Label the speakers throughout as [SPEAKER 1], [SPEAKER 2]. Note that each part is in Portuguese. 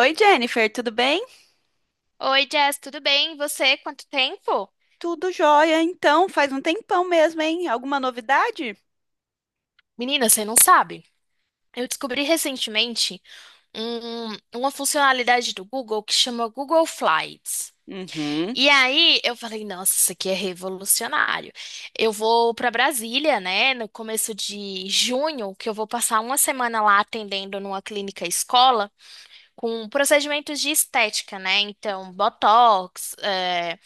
[SPEAKER 1] Oi, Jennifer, tudo bem?
[SPEAKER 2] Oi, Jess, tudo bem? E você, quanto tempo?
[SPEAKER 1] Tudo jóia, então, faz um tempão mesmo, hein? Alguma novidade?
[SPEAKER 2] Menina, você não sabe. Eu descobri recentemente uma funcionalidade do Google que chama Google Flights.
[SPEAKER 1] Uhum,
[SPEAKER 2] E aí eu falei, nossa, isso aqui é revolucionário. Eu vou para Brasília, né, no começo de junho, que eu vou passar uma semana lá atendendo numa clínica escola com procedimentos de estética, né? Então, botox,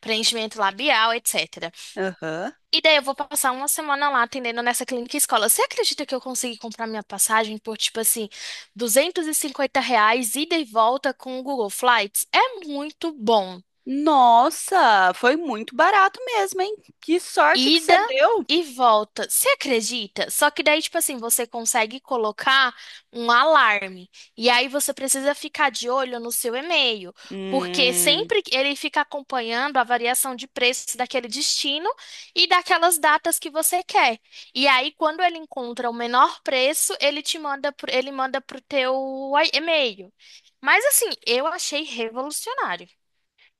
[SPEAKER 2] preenchimento labial, etc.
[SPEAKER 1] aham.
[SPEAKER 2] E daí eu vou passar uma semana lá atendendo nessa clínica escola. Você acredita que eu consegui comprar minha passagem por, tipo assim, R$ 250 ida e volta com o Google Flights? É muito bom.
[SPEAKER 1] Nossa, foi muito barato mesmo, hein? Que sorte que
[SPEAKER 2] Ida
[SPEAKER 1] você deu!
[SPEAKER 2] e volta. Você acredita? Só que daí, tipo assim, você consegue colocar um alarme. E aí você precisa ficar de olho no seu e-mail, porque
[SPEAKER 1] Hum,
[SPEAKER 2] sempre que ele fica acompanhando a variação de preços daquele destino e daquelas datas que você quer. E aí, quando ele encontra o menor preço, ele te manda, ele manda pro teu e-mail. Mas assim, eu achei revolucionário.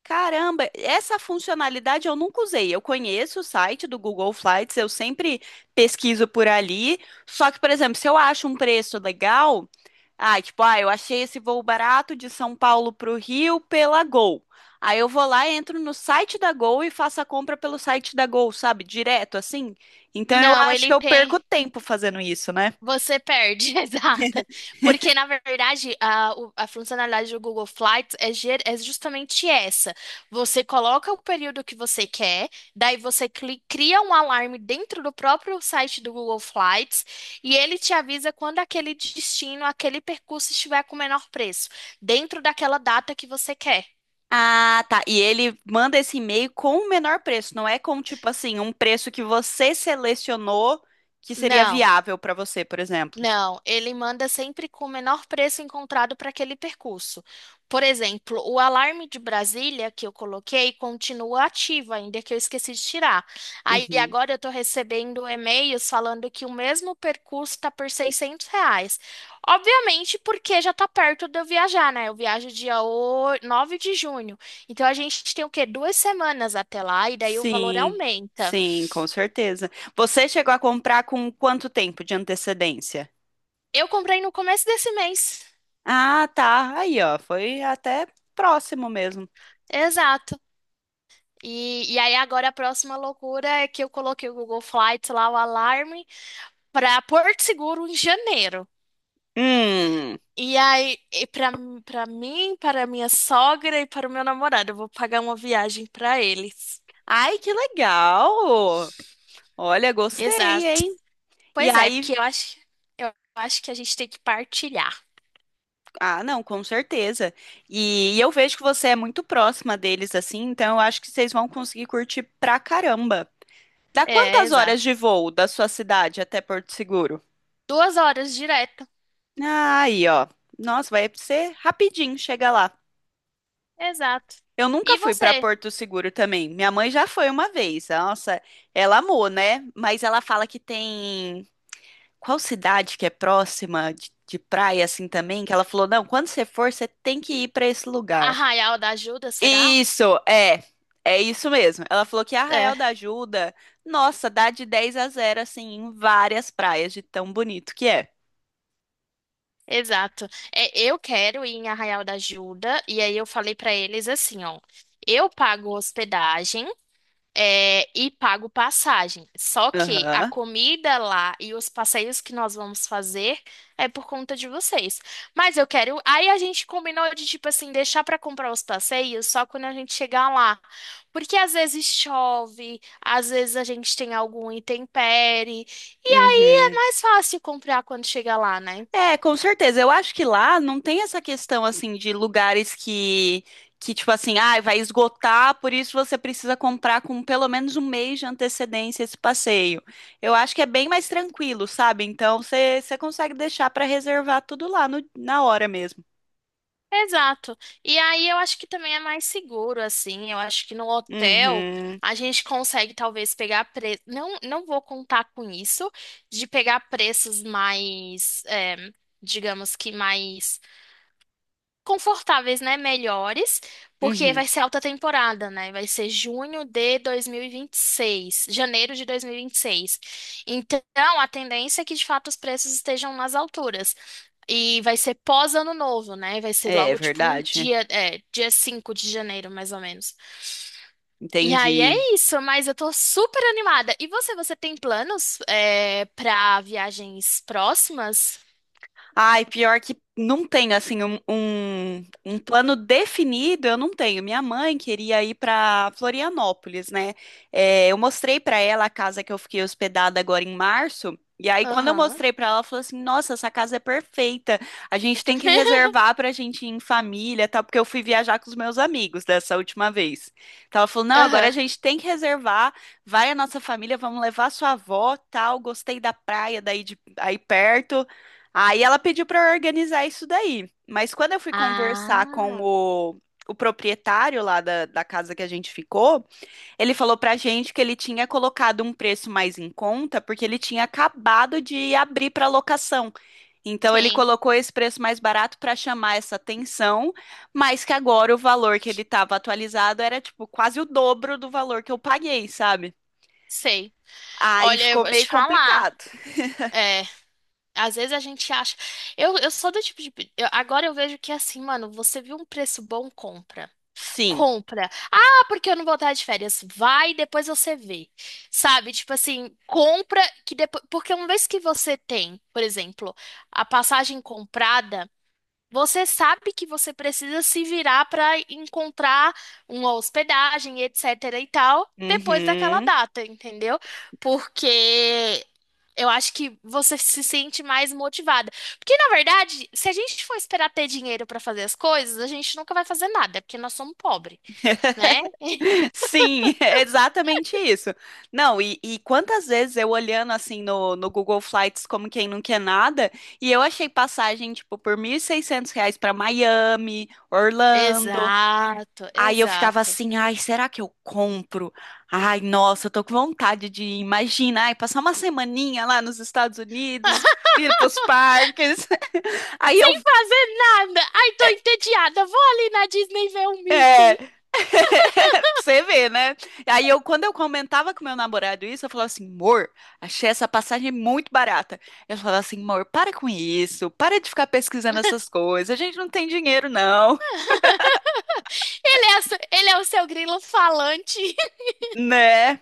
[SPEAKER 1] caramba, essa funcionalidade eu nunca usei. Eu conheço o site do Google Flights, eu sempre pesquiso por ali. Só que, por exemplo, se eu acho um preço legal. Ah, tipo, ah, eu achei esse voo barato de São Paulo para o Rio pela Gol. Aí eu vou lá, entro no site da Gol e faço a compra pelo site da Gol, sabe? Direto assim. Então eu
[SPEAKER 2] Não,
[SPEAKER 1] acho
[SPEAKER 2] ele
[SPEAKER 1] que eu perco
[SPEAKER 2] tem.
[SPEAKER 1] tempo fazendo isso, né?
[SPEAKER 2] Você perde, exato. Porque, na verdade, a funcionalidade do Google Flights é justamente essa. Você coloca o período que você quer, daí você cria um alarme dentro do próprio site do Google Flights e ele te avisa quando aquele destino, aquele percurso estiver com o menor preço, dentro daquela data que você quer.
[SPEAKER 1] Ah, tá. E ele manda esse e-mail com o menor preço, não é com tipo assim, um preço que você selecionou que seria
[SPEAKER 2] Não.
[SPEAKER 1] viável para você, por exemplo.
[SPEAKER 2] Não, ele manda sempre com o menor preço encontrado para aquele percurso. Por exemplo, o alarme de Brasília que eu coloquei continua ativo ainda que eu esqueci de tirar. Aí
[SPEAKER 1] Uhum.
[SPEAKER 2] agora eu estou recebendo e-mails falando que o mesmo percurso está por R$ 600. Obviamente porque já está perto de eu viajar, né? Eu viajo dia 9 de junho. Então a gente tem o quê? Duas semanas até lá e daí o valor
[SPEAKER 1] Sim,
[SPEAKER 2] aumenta.
[SPEAKER 1] sim, com certeza. Você chegou a comprar com quanto tempo de antecedência?
[SPEAKER 2] Eu comprei no começo desse mês.
[SPEAKER 1] Ah, tá. Aí, ó, foi até próximo mesmo.
[SPEAKER 2] Exato. E aí agora a próxima loucura é que eu coloquei o Google Flights lá, o alarme, para Porto Seguro em janeiro.
[SPEAKER 1] Hum.
[SPEAKER 2] E aí, e para mim, para minha sogra e para o meu namorado, eu vou pagar uma viagem para eles.
[SPEAKER 1] Ai, que legal! Olha, gostei,
[SPEAKER 2] Exato.
[SPEAKER 1] hein? E
[SPEAKER 2] Pois é,
[SPEAKER 1] aí,
[SPEAKER 2] porque eu acho que a gente tem que partilhar.
[SPEAKER 1] ah, não, com certeza. E eu vejo que você é muito próxima deles, assim, então eu acho que vocês vão conseguir curtir pra caramba. Dá
[SPEAKER 2] É,
[SPEAKER 1] quantas horas
[SPEAKER 2] exato.
[SPEAKER 1] de voo da sua cidade até Porto Seguro?
[SPEAKER 2] 2 horas direto.
[SPEAKER 1] Ah, aí, ó. Nossa, vai ser rapidinho, chega lá.
[SPEAKER 2] Exato.
[SPEAKER 1] Eu nunca
[SPEAKER 2] E
[SPEAKER 1] fui para
[SPEAKER 2] você?
[SPEAKER 1] Porto Seguro também. Minha mãe já foi uma vez. Nossa, ela amou, né? Mas ela fala que tem. Qual cidade que é próxima de praia assim também? Que ela falou: não, quando você for, você tem que ir para esse lugar.
[SPEAKER 2] Arraial da Ajuda, será?
[SPEAKER 1] Isso, é. É isso mesmo. Ela falou que Arraial da
[SPEAKER 2] É.
[SPEAKER 1] Ajuda, nossa, dá de 10 a zero assim em várias praias, de tão bonito que é.
[SPEAKER 2] Exato. É, eu quero ir em Arraial da Ajuda, e aí eu falei pra eles assim, ó, eu pago hospedagem, é, e pago passagem. Só que a
[SPEAKER 1] Aham.
[SPEAKER 2] comida lá e os passeios que nós vamos fazer é por conta de vocês. Mas eu quero. Aí a gente combinou de tipo assim deixar pra comprar os passeios só quando a gente chegar lá, porque às vezes chove, às vezes a gente tem algum intempérie, e aí é
[SPEAKER 1] Uhum.
[SPEAKER 2] mais fácil comprar quando chega lá, né?
[SPEAKER 1] É, com certeza. Eu acho que lá não tem essa questão assim de lugares que tipo assim, ah, vai esgotar, por isso você precisa comprar com pelo menos um mês de antecedência esse passeio. Eu acho que é bem mais tranquilo, sabe? Então você consegue deixar para reservar tudo lá na hora mesmo.
[SPEAKER 2] Exato. E aí eu acho que também é mais seguro, assim. Eu acho que no hotel
[SPEAKER 1] Uhum,
[SPEAKER 2] a gente consegue talvez pegar preço. Não, não vou contar com isso, de pegar preços mais, é, digamos que mais confortáveis, né? Melhores, porque
[SPEAKER 1] uhum.
[SPEAKER 2] vai ser alta temporada, né? Vai ser junho de dois mil e vinte e seis, janeiro de dois mil e vinte e seis. Então, a tendência é que de fato os preços estejam nas alturas. E vai ser pós ano novo, né? Vai ser
[SPEAKER 1] É, é
[SPEAKER 2] logo tipo um
[SPEAKER 1] verdade.
[SPEAKER 2] dia, é, dia 5 de janeiro, mais ou menos. E aí
[SPEAKER 1] Entendi.
[SPEAKER 2] é isso, mas eu tô super animada. E você tem planos, é, pra viagens próximas?
[SPEAKER 1] Ai, pior que não tenho, assim, um plano definido, eu não tenho. Minha mãe queria ir para Florianópolis, né? É, eu mostrei para ela a casa que eu fiquei hospedada agora em março. E aí, quando eu
[SPEAKER 2] Aham.
[SPEAKER 1] mostrei para ela, ela falou assim: Nossa, essa casa é perfeita. A gente tem que reservar para a gente ir em família, tá? Porque eu fui viajar com os meus amigos dessa última vez. Então, ela falou: Não, agora a
[SPEAKER 2] Aham.
[SPEAKER 1] gente tem que reservar. Vai a nossa família, vamos levar sua avó, tal. Gostei da praia daí de, aí perto. Aí ela pediu para eu organizar isso daí. Mas quando eu fui conversar com
[SPEAKER 2] Ah,
[SPEAKER 1] o proprietário lá da casa que a gente ficou, ele falou pra gente que ele tinha colocado um preço mais em conta porque ele tinha acabado de abrir para locação. Então ele
[SPEAKER 2] sim,
[SPEAKER 1] colocou esse preço mais barato para chamar essa atenção, mas que agora o valor que ele estava atualizado era tipo quase o dobro do valor que eu paguei, sabe?
[SPEAKER 2] sei.
[SPEAKER 1] Aí
[SPEAKER 2] Olha, eu
[SPEAKER 1] ficou
[SPEAKER 2] vou
[SPEAKER 1] meio
[SPEAKER 2] te falar.
[SPEAKER 1] complicado.
[SPEAKER 2] É, às vezes a gente acha. Eu sou do tipo de. Agora eu vejo que assim, mano, você viu um preço bom, compra.
[SPEAKER 1] Sim.
[SPEAKER 2] Compra. Ah, porque eu não vou estar de férias. Vai, depois você vê. Sabe? Tipo assim, compra que depois. Porque uma vez que você tem, por exemplo, a passagem comprada, você sabe que você precisa se virar para encontrar uma hospedagem, etc. e tal, depois daquela
[SPEAKER 1] Uhum.
[SPEAKER 2] data, entendeu? Porque eu acho que você se sente mais motivada. Porque, na verdade, se a gente for esperar ter dinheiro para fazer as coisas, a gente nunca vai fazer nada, porque nós somos pobres, né?
[SPEAKER 1] Sim, é exatamente isso. Não, e quantas vezes eu olhando assim no Google Flights como quem não quer nada, e eu achei passagem, tipo, por R$ 1.600 para Miami, Orlando.
[SPEAKER 2] Exato,
[SPEAKER 1] Aí eu ficava
[SPEAKER 2] exato.
[SPEAKER 1] assim, ai, será que eu compro? Ai, nossa, eu tô com vontade de ir. Imagina, ai, passar uma semaninha lá nos Estados Unidos, ir pros parques. Aí
[SPEAKER 2] Sem
[SPEAKER 1] eu
[SPEAKER 2] fazer nada. Ai, tô entediada. Vou ali na Disney ver o
[SPEAKER 1] é.
[SPEAKER 2] Mickey.
[SPEAKER 1] Pra você vê, né? Aí eu, quando eu comentava com meu namorado isso, eu falava assim, amor, achei essa passagem muito barata. Eu falava assim, amor, para com isso, para de ficar pesquisando essas coisas, a gente não tem dinheiro, não,
[SPEAKER 2] Ele é, ele é o seu grilo falante.
[SPEAKER 1] né?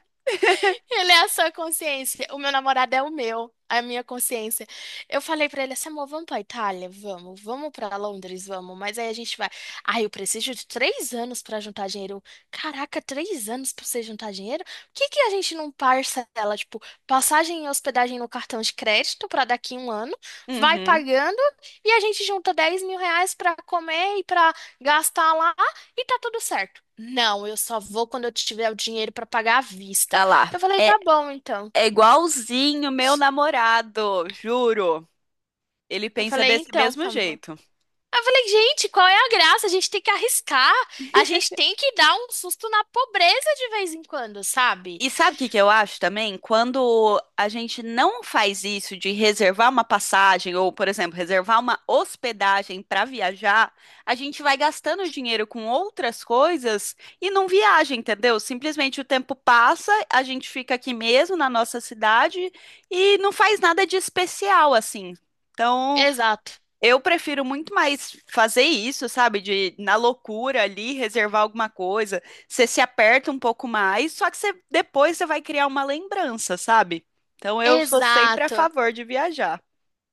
[SPEAKER 2] Ele é a sua consciência. O meu namorado é o meu, a minha consciência. Eu falei pra ele assim, amor, vamos pra Itália? Vamos. Vamos pra Londres? Vamos. Mas aí a gente vai. Ai, eu preciso de 3 anos pra juntar dinheiro. Caraca, 3 anos pra você juntar dinheiro? Por que que a gente não parcela, tipo, passagem e hospedagem no cartão de crédito pra daqui um ano? Vai
[SPEAKER 1] Uhum.
[SPEAKER 2] pagando e a gente junta R$ 10.000 pra comer e pra gastar lá e tá tudo certo. Não, eu só vou quando eu tiver o dinheiro pra pagar à vista.
[SPEAKER 1] Olha lá,
[SPEAKER 2] Eu falei,
[SPEAKER 1] é,
[SPEAKER 2] tá bom, então.
[SPEAKER 1] é igualzinho meu namorado, juro. Ele
[SPEAKER 2] Eu
[SPEAKER 1] pensa
[SPEAKER 2] falei,
[SPEAKER 1] desse
[SPEAKER 2] então,
[SPEAKER 1] mesmo
[SPEAKER 2] tá bom.
[SPEAKER 1] jeito.
[SPEAKER 2] Aí eu falei, gente, qual é a graça? A gente tem que arriscar, a gente tem que dar um susto na pobreza de vez em quando, sabe?
[SPEAKER 1] E sabe o que que eu acho também? Quando a gente não faz isso de reservar uma passagem ou, por exemplo, reservar uma hospedagem para viajar, a gente vai gastando dinheiro com outras coisas e não viaja, entendeu? Simplesmente o tempo passa, a gente fica aqui mesmo na nossa cidade e não faz nada de especial assim. Então,
[SPEAKER 2] Exato.
[SPEAKER 1] eu prefiro muito mais fazer isso, sabe? De na loucura ali, reservar alguma coisa. Você se aperta um pouco mais, só que você, depois você vai criar uma lembrança, sabe? Então eu sou sempre a
[SPEAKER 2] Exato.
[SPEAKER 1] favor de viajar.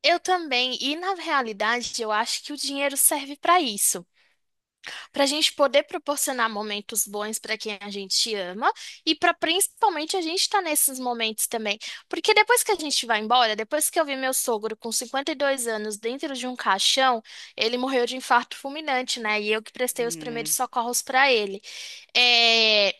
[SPEAKER 2] Eu também. E na realidade, eu acho que o dinheiro serve pra isso. Para a gente poder proporcionar momentos bons para quem a gente ama e para principalmente a gente estar nesses momentos também. Porque depois que a gente vai embora, depois que eu vi meu sogro com 52 anos dentro de um caixão, ele morreu de infarto fulminante, né? E eu que prestei os primeiros
[SPEAKER 1] Hum,
[SPEAKER 2] socorros para ele. É,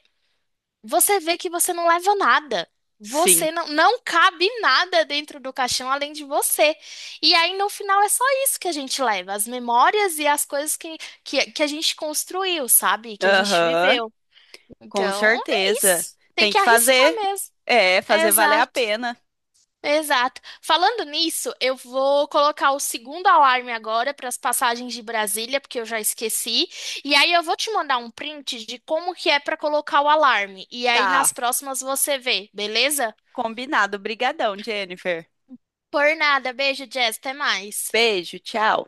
[SPEAKER 2] você vê que você não leva nada.
[SPEAKER 1] sim.
[SPEAKER 2] Você não, não cabe nada dentro do caixão além de você. E aí, no final, é só isso que a gente leva, as memórias e as coisas que a gente construiu, sabe? Que a gente
[SPEAKER 1] Aham,
[SPEAKER 2] viveu.
[SPEAKER 1] com
[SPEAKER 2] Então, é
[SPEAKER 1] certeza.
[SPEAKER 2] isso. Tem
[SPEAKER 1] Tem
[SPEAKER 2] que
[SPEAKER 1] que
[SPEAKER 2] arriscar
[SPEAKER 1] fazer.
[SPEAKER 2] mesmo.
[SPEAKER 1] É, fazer valer a
[SPEAKER 2] Exato.
[SPEAKER 1] pena.
[SPEAKER 2] Exato. Falando nisso, eu vou colocar o segundo alarme agora para as passagens de Brasília, porque eu já esqueci. E aí eu vou te mandar um print de como que é para colocar o alarme. E aí
[SPEAKER 1] Tá,
[SPEAKER 2] nas próximas você vê, beleza?
[SPEAKER 1] combinado. Brigadão, Jennifer.
[SPEAKER 2] Por nada. Beijo, Jess. Até mais.
[SPEAKER 1] Beijo, tchau.